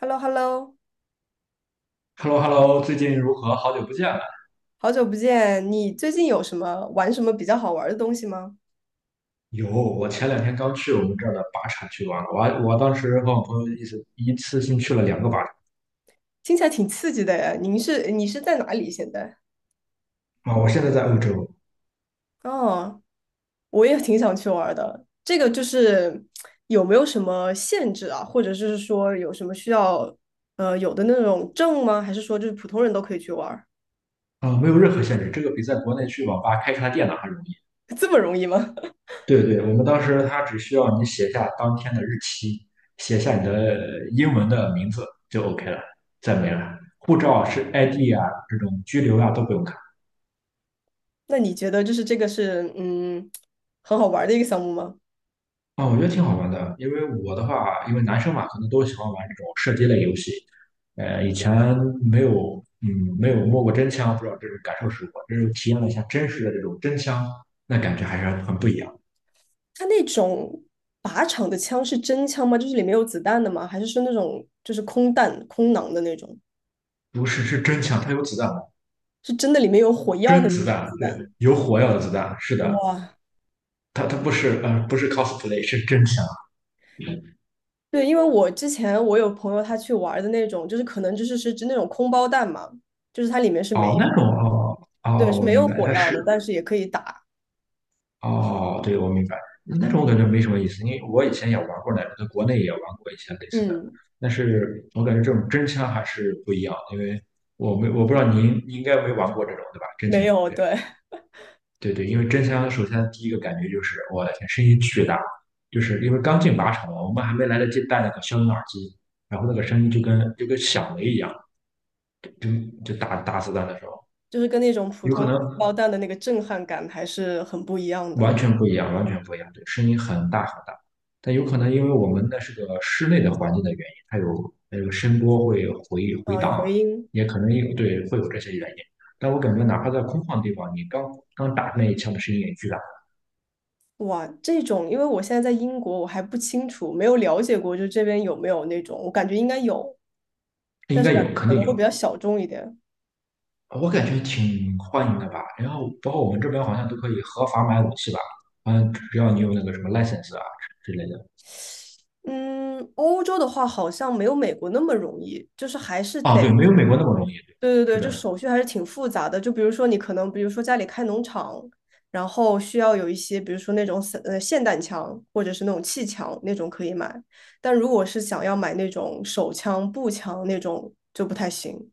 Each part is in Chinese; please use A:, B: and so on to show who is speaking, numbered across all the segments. A: h e l l o h e l l o
B: h e l l o h e l l o 最近如何？好久不见了。
A: 好久不见，你最近有什么玩什么比较好玩的东西吗？
B: 有，我前两天刚去我们这儿的靶场去玩了，我当时和我朋友一次性去了2个靶场
A: 听起来挺刺激的呀。你是在哪里现在？
B: 啊。我现在在欧洲
A: 哦，我也挺想去玩的。这个就是有没有什么限制啊，或者是说有什么需要有的那种证吗？还是说就是普通人都可以去玩儿？
B: 啊，没有任何限制，这个比在国内去网吧开一台电脑还容易。
A: 这么容易吗？
B: 对对，我们当时他只需要你写下当天的日期，写下你的英文的名字就 OK 了，再没了。护照是 ID 啊，这种居留啊都不用看。
A: 那你觉得就是这个是很好玩的一个项目吗？
B: 啊，我觉得挺好玩的，因为我的话，因为男生嘛，可能都喜欢玩这种射击类游戏。以前没有，嗯，没有摸过真枪，不知道这种感受是如何。这是体验了一下真实的这种真枪，那感觉还是很不一样。
A: 它那种靶场的枪是真枪吗？就是里面有子弹的吗？还是是那种就是空弹、空囊的那种？
B: 不是，是真枪，它有子弹的
A: 是真的里面有火药的
B: 真
A: 那
B: 子
A: 种
B: 弹，
A: 子
B: 对，
A: 弹？
B: 有火药的子弹。是的，
A: 哇，
B: 它不是 cosplay，是真枪。
A: 对，因为我之前我有朋友他去玩的那种，就是可能就是是指那种空包弹嘛，就是它里面是
B: 哦，
A: 没，
B: 那种哦
A: 对，
B: 哦，
A: 是
B: 我
A: 没
B: 明
A: 有
B: 白，
A: 火
B: 它
A: 药
B: 是
A: 的，但是也可以打。
B: 哦，对，我明白。那种我感觉没什么意思，因为我以前也玩过那种，在国内也玩过一些类似的，
A: 嗯，
B: 但是我感觉这种真枪还是不一样，因为我不知道您应该没玩过这种对吧？真
A: 没
B: 枪，
A: 有，
B: 对
A: 对，
B: 对对，因为真枪首先第一个感觉就是我的天，声音巨大，就是因为刚进靶场嘛，我们还没来得及戴那个消音耳机，然后那个声音就跟响雷一样，就打子弹的时候，
A: 就是跟那种普
B: 有可
A: 通
B: 能
A: 包弹的那个震撼感还是很不一样的。
B: 完全不一样，完全不一样，对，声音很大很大。但有可能因为我们那是个室内的环境的原因，它有它个声波会回回
A: 啊，有
B: 荡，
A: 回音。
B: 也可能有对会有这些原因。但我感觉哪怕在空旷的地方，你刚刚打那一枪的声音也巨大，
A: 哇，这种，因为我现在在英国，我还不清楚，没有了解过，就这边有没有那种，我感觉应该有，
B: 应
A: 但是
B: 该
A: 感
B: 有，
A: 觉
B: 肯
A: 可
B: 定
A: 能会比
B: 有。
A: 较小众一点。
B: 我感觉挺欢迎的吧。然后包括我们这边好像都可以合法买武器吧，好像只要你有那个什么 license 啊之类的。
A: 嗯，欧洲的话好像没有美国那么容易，就是还是
B: 啊，
A: 得，
B: 对，没有美国那么容易。对，
A: 对对
B: 是
A: 对，就
B: 的。
A: 手续还是挺复杂的。就比如说你可能，比如说家里开农场，然后需要有一些，比如说那种霰弹枪或者是那种气枪那种可以买，但如果是想要买那种手枪、步枪那种就不太行。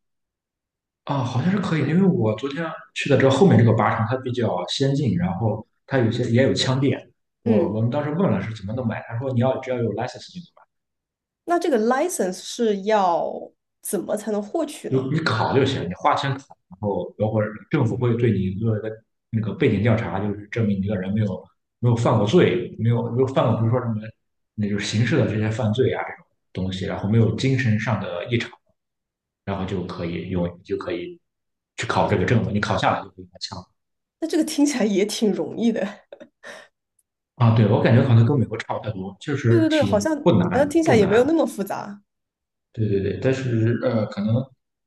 B: 啊，好像是可以因为我昨天去的这后面这个靶场，它比较先进，然后它有些也有枪店。我
A: 嗯。
B: 我们当时问了是怎么能买，他说你要只要有 license 就能买，
A: 那这个 license 是要怎么才能获取
B: 有
A: 呢？
B: 你考就行，你花钱考，然后包括政府会对你做一个那个背景调查，就是证明你这个人没有犯过罪，没有犯过比如说什么那就是刑事的这些犯罪啊这种东西，然后没有精神上的异常，然后就可以去考这个证了，你考下来就可以拿枪。
A: 那这个听起来也挺容易的。
B: 啊，对，我感觉可能跟美国差不太多，确
A: 对
B: 实
A: 对对，好
B: 挺
A: 像
B: 不
A: 好
B: 难，
A: 像听起
B: 不
A: 来也没
B: 难。
A: 有那么复杂。
B: 对对对，但是可能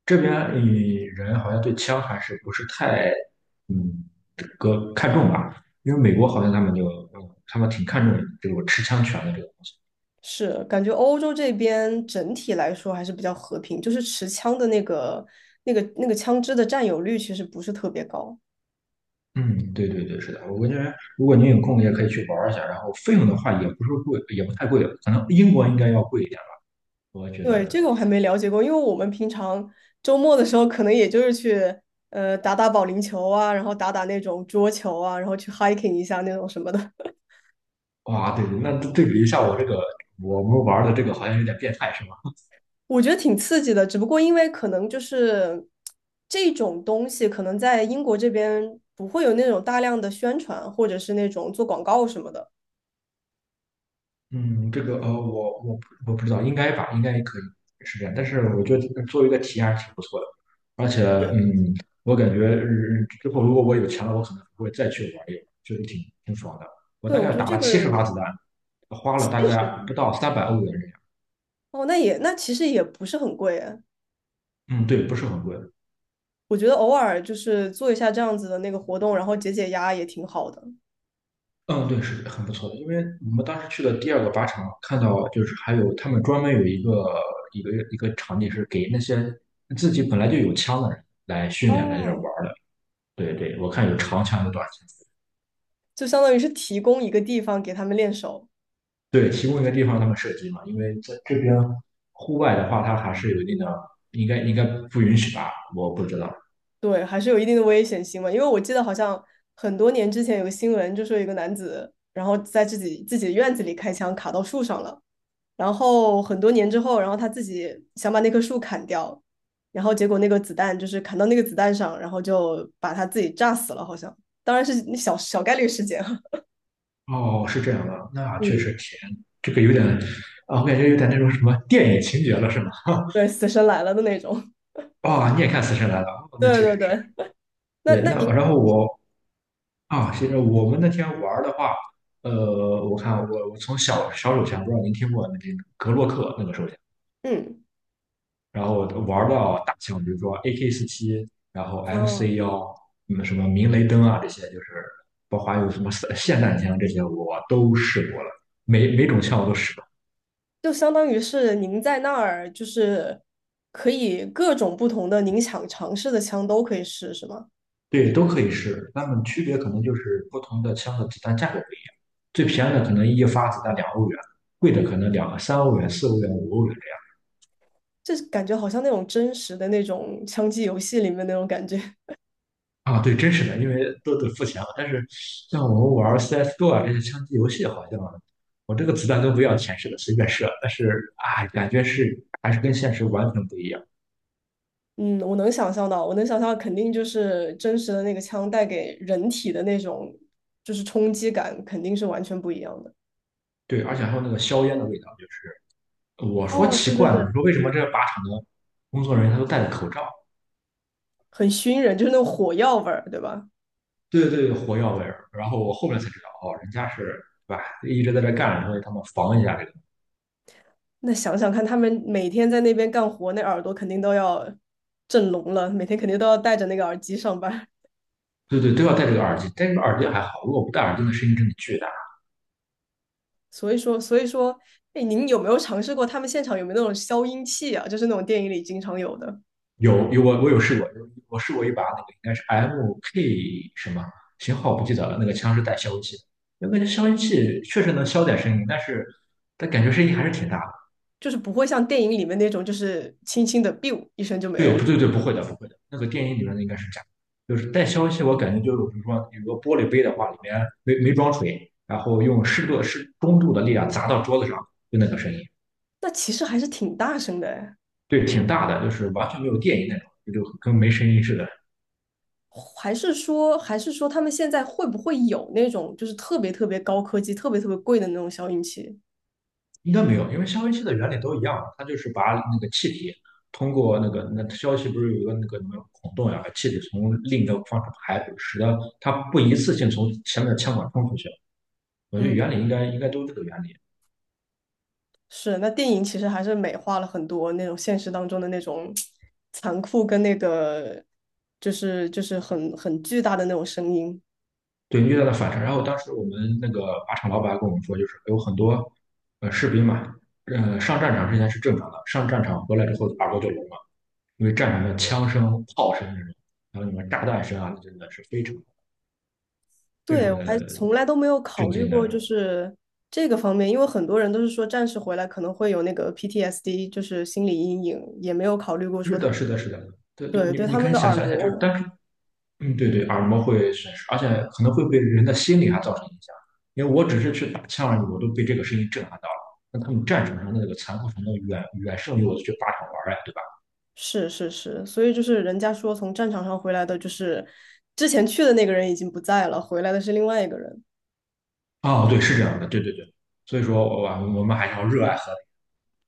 B: 这边人好像对枪还是不是太嗯这个看重吧，因为美国好像他们挺看重这个持枪权的这个东西。
A: 是，感觉欧洲这边整体来说还是比较和平，就是持枪的那个、那个、那个枪支的占有率其实不是特别高。
B: 嗯，对对对，是的，我感觉如果您有空也可以去玩儿一下，然后费用的话也不是贵，也不太贵，可能英国应该要贵一点吧，我觉
A: 对，这
B: 得。
A: 个我还没了解过，因为我们平常周末的时候可能也就是去打打保龄球啊，然后打打那种桌球啊，然后去 hiking 一下那种什么的。
B: 哇，对对，那对比一下我这个我们玩儿的这个好像有点变态，是吧？
A: 我觉得挺刺激的，只不过因为可能就是这种东西，可能在英国这边不会有那种大量的宣传，或者是那种做广告什么的。
B: 嗯，这个我不知道，应该吧，应该可以是这样。但是我觉得作为一个体验还是挺不错的，而且嗯，我感觉之后如果我有钱了，我可能会再去玩一玩，确实挺爽的。我
A: 对，
B: 大
A: 我
B: 概
A: 觉得
B: 打
A: 这
B: 了70发
A: 个
B: 子弹，花了大
A: 70吧，
B: 概不到300欧元这样。
A: 哦，那也那其实也不是很贵哎
B: 嗯，对，不是很贵。
A: 我觉得偶尔就是做一下这样子的那个活动，然后解解压也挺好的。
B: 嗯，对，是很不错的。因为我们当时去的第二个靶场，看到就是还有他们专门有一个场地是给那些自己本来就有枪的人来训练来这玩
A: 哦，
B: 儿的。对对，我看有长枪有短枪。
A: 就相当于是提供一个地方给他们练手。
B: 对，提供一个地方他们射击嘛，因为在这边户外的话，它还是有一定的，应该不允许吧？我不知道。
A: 对，还是有一定的危险性嘛。因为我记得好像很多年之前有个新闻，就说有一个男子，然后在自己的院子里开枪卡到树上了，然后很多年之后，然后他自己想把那棵树砍掉，然后结果那个子弹就是砍到那个子弹上，然后就把他自己炸死了，好像。当然是小小概率事件啊，
B: 哦，是这样的，那 确实
A: 嗯
B: 甜，这个有点啊，我感觉有点那种什么电影情节了，是吗？
A: 对，死神来了的那种。
B: 啊，你也看《死神来了》哦，那
A: 对
B: 确
A: 对
B: 实是。
A: 对，那
B: 对，
A: 那
B: 那
A: 您，
B: 然后其实我们那天玩的话，呃，我看我我从小手枪，不知道您听过那个格洛克那个手枪。
A: 嗯，
B: 然后玩到大枪，比如说 AK 47，然后 MC
A: 哦，
B: 1，嗯，什么明雷灯啊这些，就是包括还有什么霰弹枪这些，我都试过了，每种枪我都试过，
A: 就相当于是您在那儿，就是可以各种不同的您想尝试的枪都可以试，是吗？
B: 对，都可以试，它们区别可能就是不同的枪的子弹价格不一样，最便宜的可能一发子弹两欧元，贵的可能2、3欧元、四欧元、5欧元。
A: 这感觉好像那种真实的那种枪击游戏里面那种感觉。
B: 啊，对，真实的，因为都得付钱了。但是像我们玩 CS:GO 啊这些枪击游戏，好像我这个子弹都不要钱似的，随便射。但是啊，感觉还是跟现实完全不一样。
A: 嗯，我能想象到，我能想象，肯定就是真实的那个枪带给人体的那种就是冲击感，肯定是完全不一样的，
B: 对，而且还有那个硝烟的味道，就是我说
A: 哦，
B: 奇
A: 对对
B: 怪
A: 对，
B: 呢，你说为什么这靶场的工作人员他都戴着口罩？
A: 很熏人，就是那种火药味儿，对吧？
B: 对对对，火药味儿。然后我后面才知道，哦，人家是对吧，一直在这干着，所以他们防一下这个。
A: 那想想看，他们每天在那边干活，那耳朵肯定都要震聋了，每天肯定都要戴着那个耳机上班。
B: 对对，都要戴这个耳机，戴这个耳机还好，如果不戴耳机，那声音真的巨大。
A: 所以说，所以说，哎，您有没有尝试过他们现场有没有那种消音器啊？就是那种电影里经常有的，
B: 我有试过，我试过一把那个应该是 MK 什么型号不记得了，那个枪是带消音器的，我感觉消音器确实能消点声音，但是它感觉声音还是挺大的。
A: 就是不会像电影里面那种，就是轻轻的 biu 一声就没有
B: 对，不
A: 了。
B: 对对，不会的不会的，那个电音里面的应该是假的，就是带消音器，我感觉就是比如说有个玻璃杯的话，里面没装水，然后用适中度的力量砸到桌子上，就那个声音，
A: 那其实还是挺大声的哎，
B: 对，挺大的，就是完全没有电音那种，就跟没声音似的。
A: 还是说，还是说他们现在会不会有那种就是特别特别高科技、特别特别贵的那种消音器？
B: 应该没有，因为消音器的原理都一样啊，它就是把那个气体通过那个那消音器不是有一个那个什么孔洞呀，把气体从另一个方向排，使得它不一次性从前面的腔管冲出去。我觉得
A: 嗯，
B: 原理应该都是这个原理。
A: 是。那电影其实还是美化了很多那种现实当中的那种残酷跟那个，就是很巨大的那种声音。
B: 对，你遇到了反差。然后当时我们那个靶场老板跟我们说，就是有很多士兵嘛，上战场之前是正常的，上战场回来之后耳朵就聋了，因为战场的枪声、炮声那种，还有什么炸弹声啊，那真的是非常非
A: 对，
B: 常
A: 我还
B: 的
A: 从来都没有考
B: 震
A: 虑
B: 惊
A: 过，就
B: 的。
A: 是这个方面，因为很多人都是说战士回来可能会有那个 PTSD，就是心理阴影，也没有考虑过
B: 是
A: 说他，
B: 的，是的，是的，对对，
A: 对，对
B: 你
A: 他
B: 可
A: 们
B: 以
A: 的
B: 想
A: 耳
B: 象一下，就是
A: 膜，
B: 单是，对对，耳膜会损失，而且可能会对人的心理还造成影响。因为我只是去打枪而已，我都被这个声音震撼到了。那他们战场上的那个残酷程度远远胜于我去靶场玩儿呀，对吧？
A: 是是是，所以就是人家说从战场上回来的，就是之前去的那个人已经不在了，回来的是另外一个人，
B: 哦，对，是这样的，对对对。所以说，我们还是要热爱和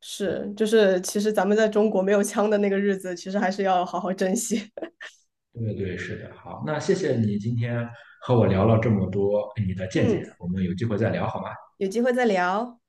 A: 是，就是其实咱们在中国没有枪的那个日子，其实还是要好好珍惜。
B: 平。对对，是的。好，那谢谢你今天和我聊了这么多哎你的 见解，
A: 嗯，
B: 我们有机会再聊好吗？
A: 有机会再聊。